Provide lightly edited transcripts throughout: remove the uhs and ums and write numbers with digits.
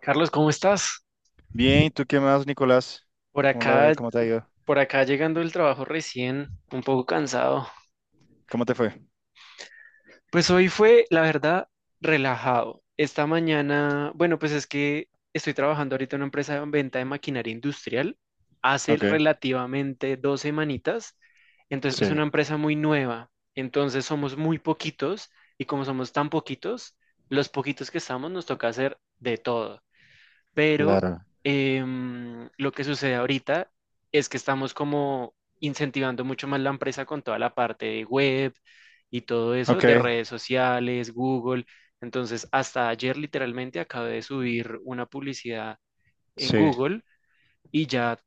Carlos, ¿cómo estás? Bien, ¿tú qué más, Nicolás? Por ¿Cómo acá, la, cómo te ha ido? por acá llegando del trabajo recién, un poco cansado. ¿Cómo te fue? Pues hoy fue, la verdad, relajado. Esta mañana, bueno, pues es que estoy trabajando ahorita en una empresa de venta de maquinaria industrial. Hace Ok, relativamente 2 semanitas. Entonces, es sí, una empresa muy nueva. Entonces, somos muy poquitos y como somos tan poquitos, los poquitos que estamos nos toca hacer de todo. Pero claro. Lo que sucede ahorita es que estamos como incentivando mucho más la empresa con toda la parte de web y todo eso, Ok, de redes sociales, Google. Entonces, hasta ayer literalmente acabé de subir una publicidad en sí. Google y ya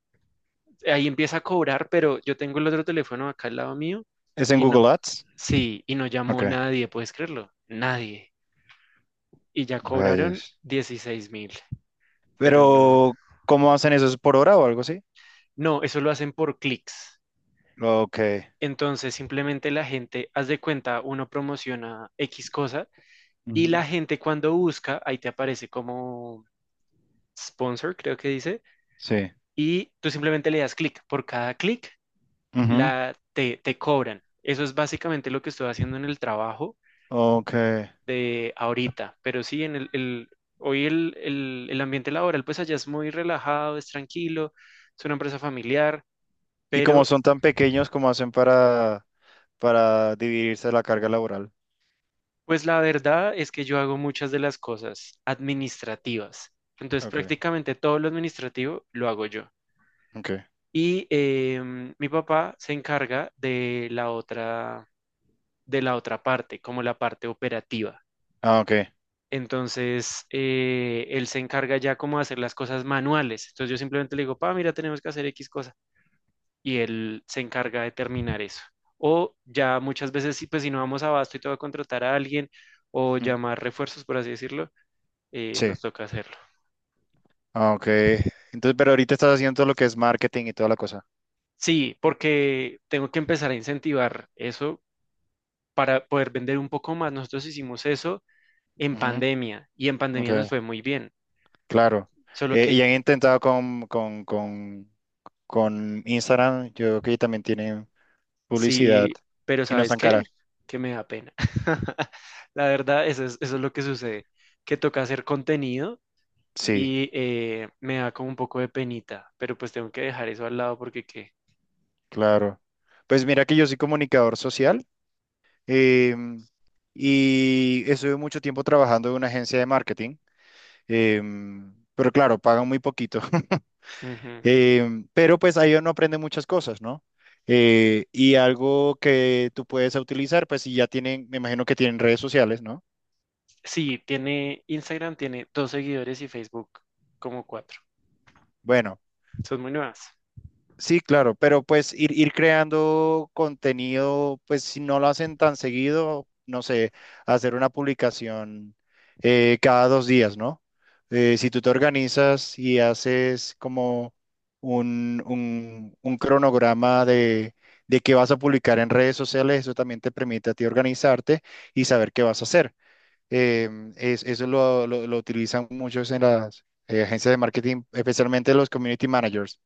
ahí empieza a cobrar, pero yo tengo el otro teléfono acá al lado mío ¿Es en y no, Google Ads? sí, y no Ok, llamó nadie, ¿puedes creerlo? Nadie. Y ya cobraron rayos. 16.000, pero no. Pero, ¿cómo hacen eso? ¿Es por hora o algo así? No, eso lo hacen por clics. Ok. Entonces, simplemente la gente, haz de cuenta, uno promociona X cosa y Ujú. la gente cuando busca, ahí te aparece como sponsor, creo que dice, Sí. y tú simplemente le das clic. Por cada clic, Ujú. te cobran. Eso es básicamente lo que estoy haciendo en el trabajo Ok. de ahorita, pero sí, hoy el ambiente laboral, pues allá es muy relajado, es tranquilo, es una empresa familiar, ¿Y como pero. son tan pequeños, cómo hacen para dividirse la carga laboral? Pues la verdad es que yo hago muchas de las cosas administrativas. Entonces Ok, prácticamente todo lo administrativo lo hago yo. ok. Y mi papá se encarga de la otra parte, como la parte operativa. Ah, ok. Entonces él se encarga ya como de hacer las cosas manuales. Entonces yo simplemente le digo, pa, mira, tenemos que hacer X cosa. Y él se encarga de terminar eso. O ya muchas veces, sí, pues si no vamos a abasto y te voy a contratar a alguien o Mm, llamar refuerzos, por así decirlo sí. nos toca hacerlo. Ah, ok. Entonces, pero ahorita estás haciendo todo lo que es marketing y toda la cosa. Sí, porque tengo que empezar a incentivar eso para poder vender un poco más. Nosotros hicimos eso en Ujú. pandemia y en Ok. pandemia nos fue muy bien. Claro. Solo que Y han intentado con Instagram, yo creo que también tienen publicidad sí, pero y no ¿sabes están qué? caras. Que me da pena. La verdad, eso es lo que sucede, que toca hacer contenido Sí, y me da como un poco de penita, pero pues tengo que dejar eso al lado porque qué. claro. Pues mira que yo soy comunicador social, em, y estuve mucho tiempo trabajando en una agencia de marketing. Pero claro, pagan muy poquito. Ujú. Pero pues ahí uno aprende muchas cosas, ¿no? Y algo que tú puedes utilizar, pues si ya tienen, me imagino que tienen redes sociales, ¿no? Sí, tiene Instagram, tiene dos seguidores y Facebook como cuatro. Bueno. Son muy nuevas. Sí, claro, pero pues ir creando contenido, pues si no lo hacen tan seguido, no sé, hacer una publicación cada 2 días, ¿no? Si tú te organizas y haces como un cronograma de qué vas a publicar en redes sociales, eso también te permite a ti organizarte y saber qué vas a hacer. Eso lo utilizan muchos en las agencias de marketing, especialmente los community managers,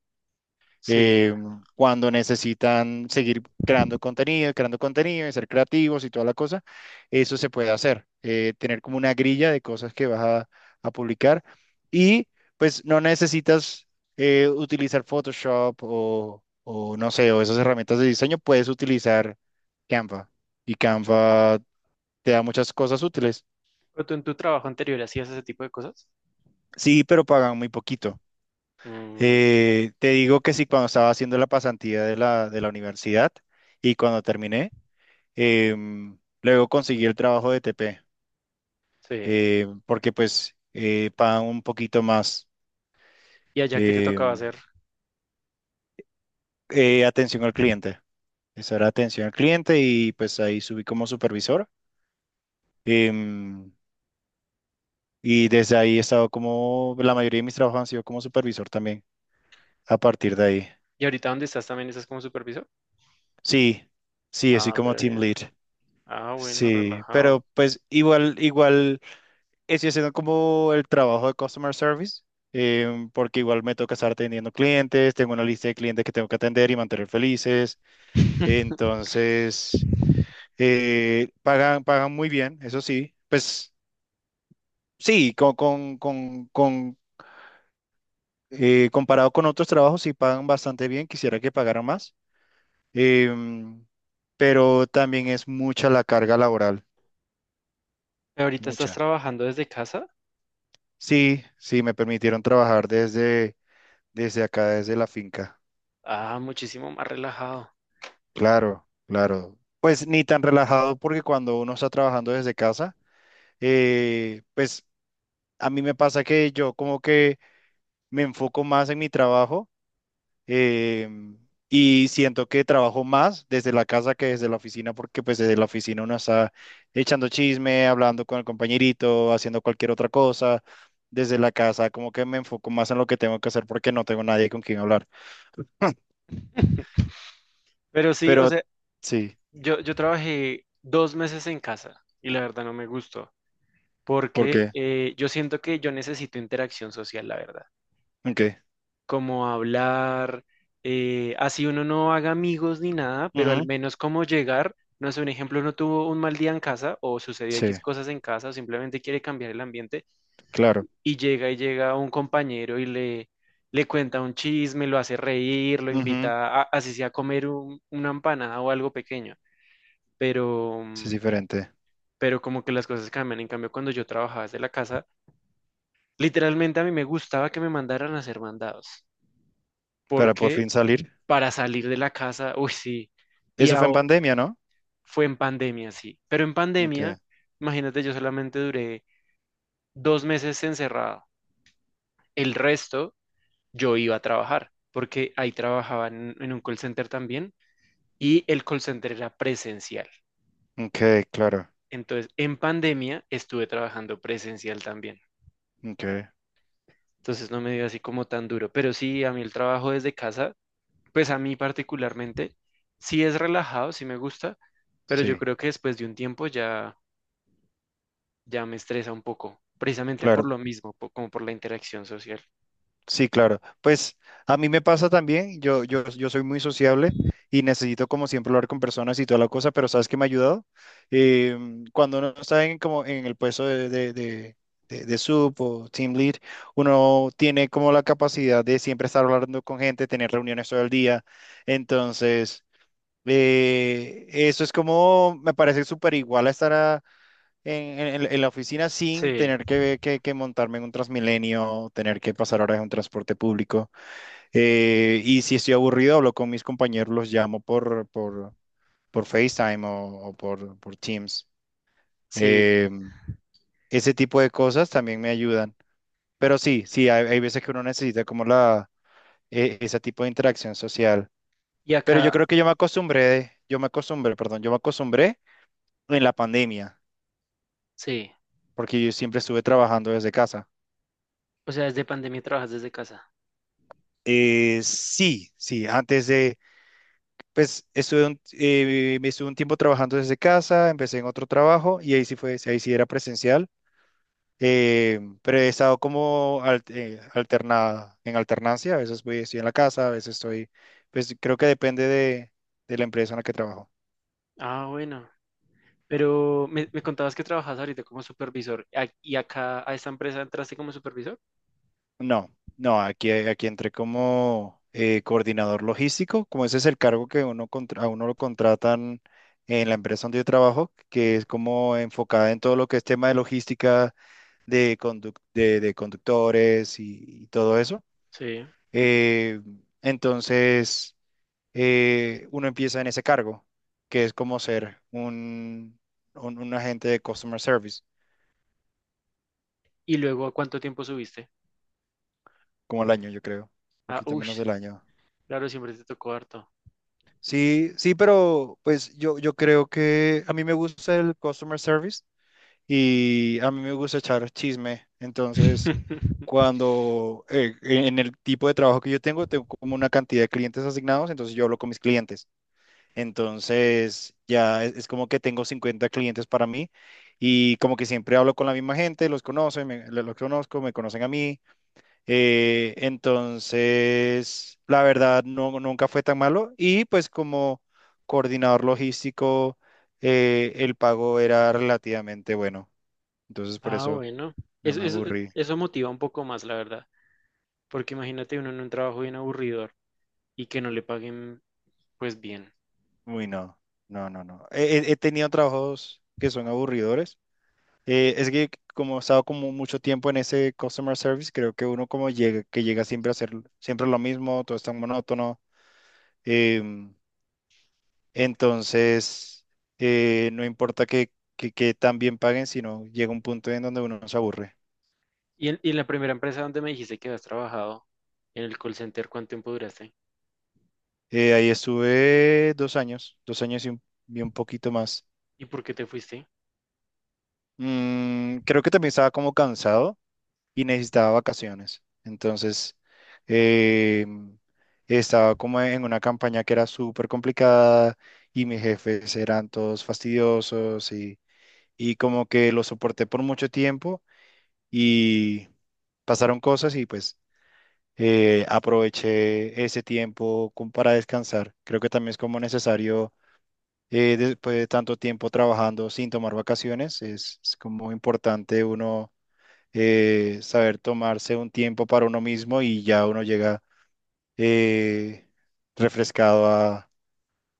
Sí. eh, cuando necesitan seguir creando contenido y ser creativos y toda la cosa. Eso se puede hacer, tener como una grilla de cosas que vas a publicar, y pues no necesitas utilizar Photoshop o no sé, o esas herramientas de diseño. Puedes utilizar Canva, y Canva te da muchas cosas útiles. ¿Pero tú en tu trabajo anterior hacías ese tipo de cosas? Sí, pero pagan muy poquito. Mm, Te digo que sí, cuando estaba haciendo la pasantía de de la universidad y cuando terminé. Luego conseguí el trabajo de TP, sí. Porque pues pagan un poquito más. ¿Y allá qué te em, tocaba hacer? Atención al cliente. Esa era atención al cliente y pues ahí subí como supervisor. Em, y desde ahí he estado como, la mayoría de mis trabajos han sido como supervisor también, a partir de ahí. ¿Y ahorita dónde estás, también estás como supervisor? Sí, sí, así Ah, como pero team lead. bien. Ah, bueno, Sí, pero relajado. pues igual, igual. Estoy haciendo como el trabajo de customer service, porque igual me toca estar atendiendo clientes, tengo una lista de clientes que tengo que atender y mantener felices. Entonces, pagan muy bien, eso sí. Pues sí, comparado con otros trabajos, sí pagan bastante bien, quisiera que pagaran más. Em, pero también es mucha la carga laboral, ¿Ahorita estás mucha. trabajando desde casa? Sí, sí, me permitieron trabajar desde acá, desde la finca. Ah, muchísimo más relajado. Claro, claro. Pues ni tan relajado porque cuando uno está trabajando desde casa, pues a mí me pasa que yo como que me enfoco más en mi trabajo, em, y siento que trabajo más desde la casa que desde la oficina porque pues desde la oficina uno está echando chisme, hablando con el compañerito, haciendo cualquier otra cosa. Desde la casa como que me enfoco más en lo que tengo que hacer porque no tengo nadie con quien hablar. Pero sí, o Pero sea, sí, yo trabajé 2 meses en casa y la verdad no me gustó ¿por porque qué? Yo siento que yo necesito interacción social, la verdad. ¿En qué? Como hablar, así uno no haga amigos ni nada, pero al Ujú, menos como llegar, no sé, un ejemplo, uno tuvo un mal día en casa o sucedió sí, X cosas en casa o simplemente quiere cambiar el ambiente claro. llega un compañero y le cuenta un chisme, lo hace reír, lo Ujú, invita a, así sea a comer una empanada o algo pequeño, pero, sí, es mm, diferente. pero como que las cosas cambian. En cambio, cuando yo trabajaba desde la casa, literalmente a mí me gustaba que me mandaran a hacer mandados. Para por Porque fin salir. para salir de la casa, uy, sí, y Eso fue en aho- pandemia, ¿no? fue en pandemia, sí, pero en Ok, pandemia, imagínate, yo solamente duré 2 meses encerrado, el resto yo iba a trabajar, porque ahí trabajaba en un call center también, y el call center era presencial, ok, claro. entonces en pandemia estuve trabajando presencial también, Ok, entonces no me dio así como tan duro, pero sí, a mí el trabajo desde casa, pues a mí particularmente, sí es relajado, sí me gusta, pero yo sí, creo que después de un tiempo ya me estresa un poco, precisamente por claro. lo mismo, como por la interacción social. Sí, claro. Pues a mí me pasa también. Yo soy muy sociable y necesito, como siempre, hablar con personas y toda la cosa, pero ¿sabes qué me ha ayudado? Cuando uno está en, como en el puesto de sub o team lead, uno tiene como la capacidad de siempre estar hablando con gente, tener reuniones todo el día. Entonces. Eso es como, me parece súper igual a en, en la oficina sin Sí, tener que montarme en un Transmilenio, tener que pasar horas en un transporte público. Y si estoy aburrido, hablo con mis compañeros, los llamo por FaceTime o por por Teams. sí. Eh, Ese tipo de cosas también me ayudan. Pero sí, sí, hay veces que uno necesita como la, ese tipo de interacción social. Y Pero yo acá, creo que yo me acostumbré, perdón, yo me acostumbré en la pandemia, sí. porque yo siempre estuve trabajando desde casa. O sea, desde pandemia trabajas desde casa. Sí, sí, antes de, pues estuve un, me estuve un tiempo trabajando desde casa, empecé en otro trabajo y ahí sí fue, ahí sí era presencial. Pero he estado como alternada, en alternancia, a veces voy, estoy en la casa, a veces estoy, pues creo que depende de la empresa en la que trabajo. Ah, bueno, pero me contabas que trabajas ahorita como supervisor y acá a esta empresa entraste como supervisor. No, no, aquí, aquí entré como coordinador logístico, como ese es el cargo que uno a uno lo contratan en la empresa donde yo trabajo, que es como enfocada en todo lo que es tema de logística, de, de conductores y todo eso. Sí. Eh, entonces, uno empieza en ese cargo, que es como ser un agente de customer service, ¿Y luego a cuánto tiempo subiste? como el año, yo creo, Ah, poquito uff, menos del año. claro, siempre te tocó harto. Sí, sí, pero pues yo creo que a mí me gusta el customer service y a mí me gusta echar chisme. Entonces, cuando en el tipo de trabajo que yo tengo, tengo como una cantidad de clientes asignados, entonces yo hablo con mis clientes. Entonces, ya es como que tengo 50 clientes para mí y como que siempre hablo con la misma gente, los conocen, los conozco, me conocen a mí. Entonces, la verdad, no, nunca fue tan malo. Y pues como coordinador logístico, el pago era relativamente bueno. Entonces, por Ah, eso bueno, no eso, me eso, aburrí. eso motiva un poco más, la verdad, porque imagínate uno en un trabajo bien aburridor y que no le paguen pues bien. Uy, no, no, no, no. He tenido trabajos que son aburridores. Es que como he estado como mucho tiempo en ese customer service, creo que uno como llega, que llega siempre a hacer siempre lo mismo, todo es tan monótono. em, Entonces, no importa que tan bien paguen, sino llega un punto en donde uno se aburre. Y en la primera empresa donde me dijiste que habías trabajado, en el call center, ¿cuánto tiempo duraste? Ahí estuve 2 años, y un poquito más. ¿Y por qué te fuiste? Mm, creo que también estaba como cansado y necesitaba vacaciones. Entonces, eh, estaba como en una campaña que era súper complicada y mis jefes eran todos fastidiosos y como que lo soporté por mucho tiempo y pasaron cosas y pues aproveché ese tiempo como para descansar. Creo que también es como necesario, después de tanto tiempo trabajando sin tomar vacaciones, es como importante uno saber tomarse un tiempo para uno mismo y ya uno llega eh, refrescado a,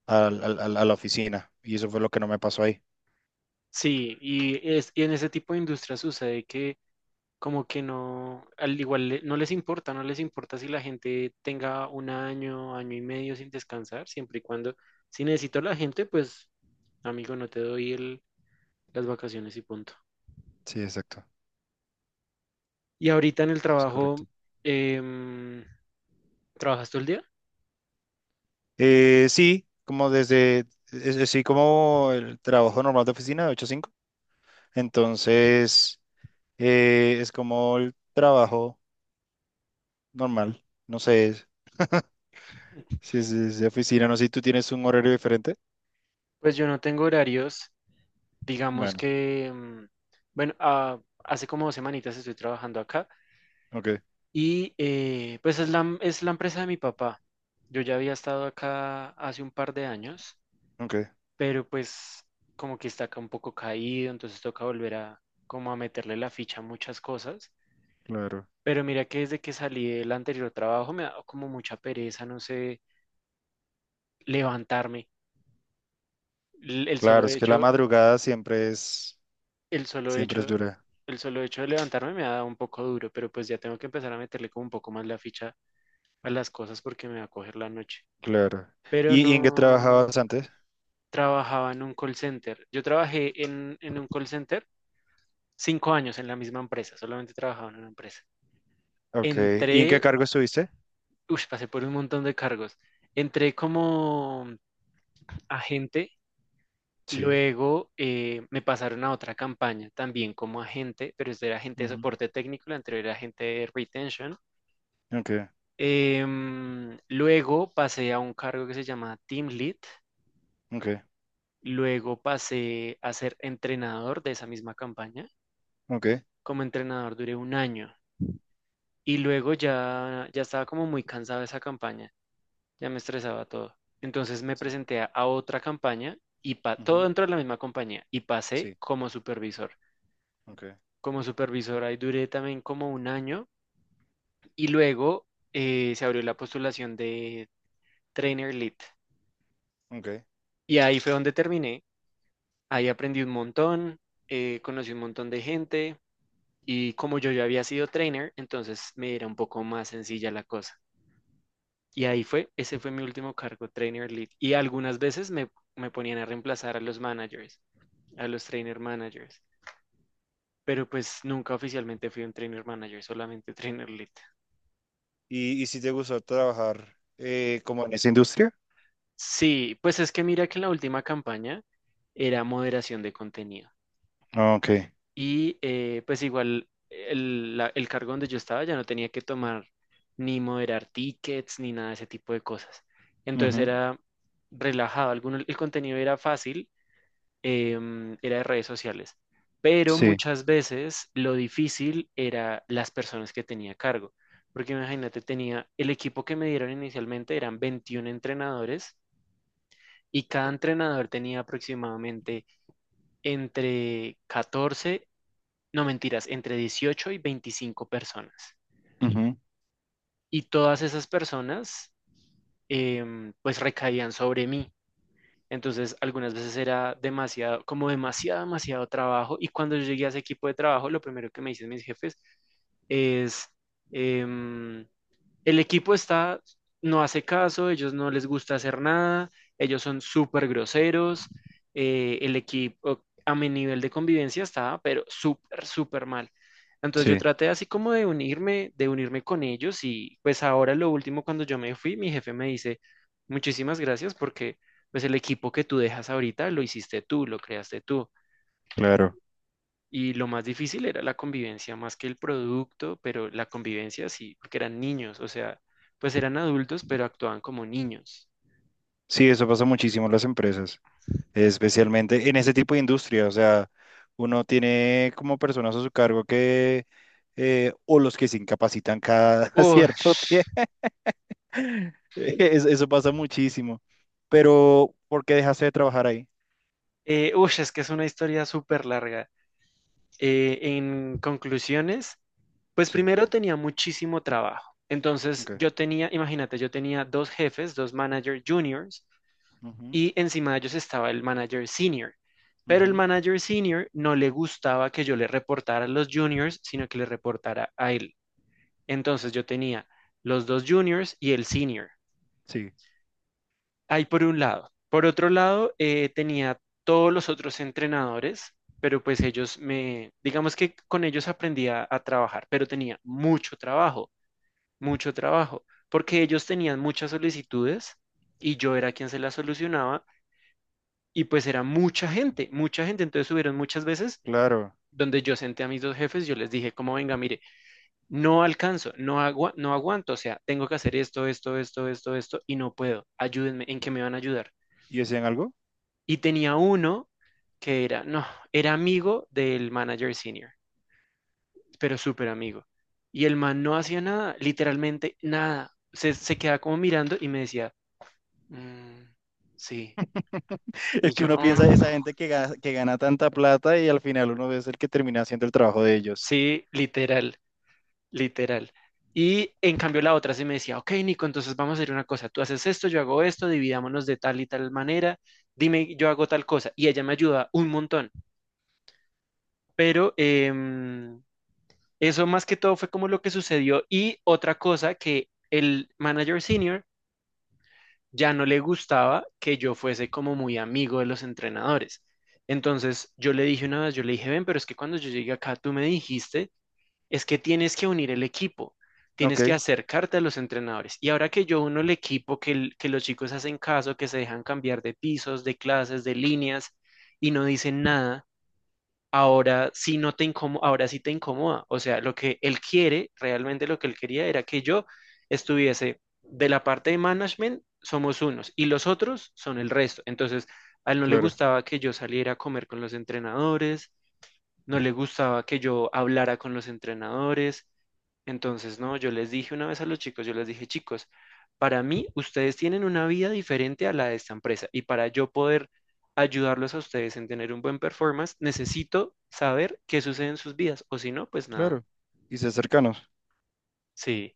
al- al- al- a la oficina. Y eso fue lo que no me pasó ahí. Sí, y en ese tipo de industria sucede que como que no, al igual no les importa, no les importa si la gente tenga un año, año y medio sin descansar, siempre y cuando, si necesito a la gente, pues amigo, no te doy las vacaciones y punto. Sí, exacto. Y ahorita en el Es trabajo, correcto. em, ¿trabajas todo el día? Sí, como desde, sí, como el trabajo normal de oficina de 8 a 5. Entonces... Es como el trabajo normal. Si es, es de oficina, no sé si tú tienes un horario diferente. Pues yo no tengo horarios, digamos Bueno, que, bueno, ah, hace como 2 semanitas estoy trabajando acá ok, y pues es la empresa de mi papá. Yo ya había estado acá hace un par de años, ok, pero pues como que está acá un poco caído, entonces toca volver a como a meterle la ficha a muchas cosas. claro. Pero mira que desde que salí del anterior trabajo me ha dado como mucha pereza, no sé, levantarme. L- El solo Claro, es que la hecho, madrugada El solo siempre es hecho, dura. el solo hecho de levantarme me ha dado un poco duro, pero pues ya tengo que empezar a meterle como un poco más la ficha a las cosas porque me va a coger la noche. Claro. Pero Y en qué no, trabajabas antes? trabajaba en un call center. Yo trabajé en un call center 5 años en la misma empresa, solamente trabajaba en una empresa. Ok. ¿Y en qué Entré, cargo estuviste? uff, pasé por un montón de cargos. Entré como agente, Sí. luego me pasaron a otra campaña también como agente, pero este era agente de Ujú. soporte técnico, la anterior era agente de retention. Ok, Luego pasé a un cargo que se llama Team Lead. ok, Luego pasé a ser entrenador de esa misma campaña. ok. Como entrenador duré un año y luego ya estaba como muy cansado de esa campaña, ya me estresaba todo. Entonces me Sí. presenté a otra campaña y todo Ujú. dentro de la misma compañía y pasé Sí, como supervisor. ok, Como supervisor ahí duré también como un año y luego se abrió la postulación de Trainer Lead. ok. Y ahí fue donde terminé. Ahí aprendí un montón, conocí un montón de gente y como yo ya había sido trainer, entonces me era un poco más sencilla la cosa. Y ahí fue, ese fue mi último cargo, trainer lead. Y algunas veces me ponían a reemplazar a los managers, a los trainer managers, pero pues nunca oficialmente fui un trainer manager, solamente trainer lead. Y si te gustó trabajar como en esa industria? Sí, pues es que mira que en la última campaña era moderación de contenido. Ah, ok. Y pues igual el, el cargo donde yo estaba ya no tenía que tomar ni moderar tickets ni nada de ese tipo de cosas. Entonces Ujú. era relajado. Alguno, el contenido era fácil, era de redes sociales, pero Sí. muchas veces lo difícil era las personas que tenía a cargo. Porque imagínate, tenía el equipo que me dieron inicialmente eran 21 entrenadores y cada entrenador tenía aproximadamente entre 14, no mentiras, entre 18 y 25 personas. Ujú. Y todas esas personas, pues recaían sobre mí. Entonces, algunas veces era demasiado, como demasiado, demasiado trabajo. Y cuando yo llegué a ese equipo de trabajo, lo primero que me dicen mis jefes es, em, el equipo está, no hace caso, ellos no les gusta hacer nada, ellos son súper groseros, el equipo a mi nivel de convivencia estaba, pero súper, súper mal. Entonces yo Sí. traté así como de unirme con ellos y pues ahora lo último cuando yo me fui, mi jefe me dice, muchísimas gracias porque pues el equipo que tú dejas ahorita lo hiciste tú, lo creaste tú. Claro. Y lo más difícil era la convivencia más que el producto, pero la convivencia sí, porque eran niños, o sea, pues eran adultos, pero actuaban como niños. Sí, eso pasa muchísimo en las empresas, especialmente en ese tipo de industria. O sea, uno tiene como personas a su cargo que, o los que se incapacitan cada cierto tiempo. Ush, Eso pasa muchísimo. Pero, ¿por qué dejaste de trabajar ahí? Ush, es que es una historia súper larga. En conclusiones, pues Sí, primero tenía muchísimo trabajo. Entonces ok. yo tenía, imagínate, yo tenía dos jefes, dos manager juniors, Ujú, y encima de ellos estaba el manager senior. Pero el ujú. manager senior no le gustaba que yo le reportara a los juniors, sino que le reportara a él. Entonces yo tenía los dos juniors y el senior. Sí, Ahí por un lado. Por otro lado, tenía todos los otros entrenadores, pero pues ellos digamos que con ellos aprendía a trabajar, pero tenía mucho trabajo, porque ellos tenían muchas solicitudes y yo era quien se las solucionaba y pues era mucha gente, mucha gente. Entonces subieron muchas veces claro. donde yo senté a mis dos jefes, yo les dije, como venga, mire, no alcanzo, no, no aguanto, o sea, tengo que hacer esto, esto, esto, esto, esto, y no puedo, ayúdenme, ¿en qué me van a ayudar? ¿Y decían algo? Y tenía uno que era, no, era amigo del manager senior, pero súper amigo. Y el man no hacía nada, literalmente nada. Se quedaba como mirando y me decía, "Mm, sí". Es Y que yo, uno "Ah". piensa, esa gente que gana tanta plata y al final uno es el que termina haciendo el trabajo de ellos. Sí, literal. Literal. Y en cambio la otra sí me decía, ok, Nico, entonces vamos a hacer una cosa, tú haces esto, yo hago esto, dividámonos de tal y tal manera, dime, yo hago tal cosa. Y ella me ayuda un montón. Pero eso más que todo fue como lo que sucedió. Y otra cosa, que el manager senior ya no le gustaba que yo fuese como muy amigo de los entrenadores. Entonces yo le dije una vez, yo le dije, ven, pero es que cuando yo llegué acá, tú me dijiste, es que tienes que unir el equipo, tienes que Ok, acercarte a los entrenadores. Y ahora que yo uno el equipo, que los chicos hacen caso, que se dejan cambiar de pisos, de clases, de líneas y no dicen nada, ahora sí no te incomo- ahora sí te incomoda. O sea, lo que él quiere, realmente lo que él quería era que yo estuviese de la parte de management, somos unos y los otros son el resto. Entonces, a él no le claro, gustaba que yo saliera a comer con los entrenadores, no le gustaba que yo hablara con los entrenadores. Entonces, no, yo les dije una vez a los chicos, yo les dije, chicos, para mí ustedes tienen una vida diferente a la de esta empresa y para yo poder ayudarlos a ustedes en tener un buen performance, necesito saber qué sucede en sus vidas o si no, pues nada. claro. Y ser cercanos. Sí,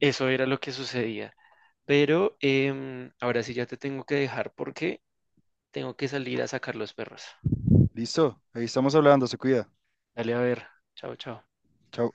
eso era lo que sucedía. Pero ahora sí ya te tengo que dejar porque tengo que salir a sacar los perros. Listo, ahí estamos hablando, se cuida. Dale a ver. Chao, chao. Chao.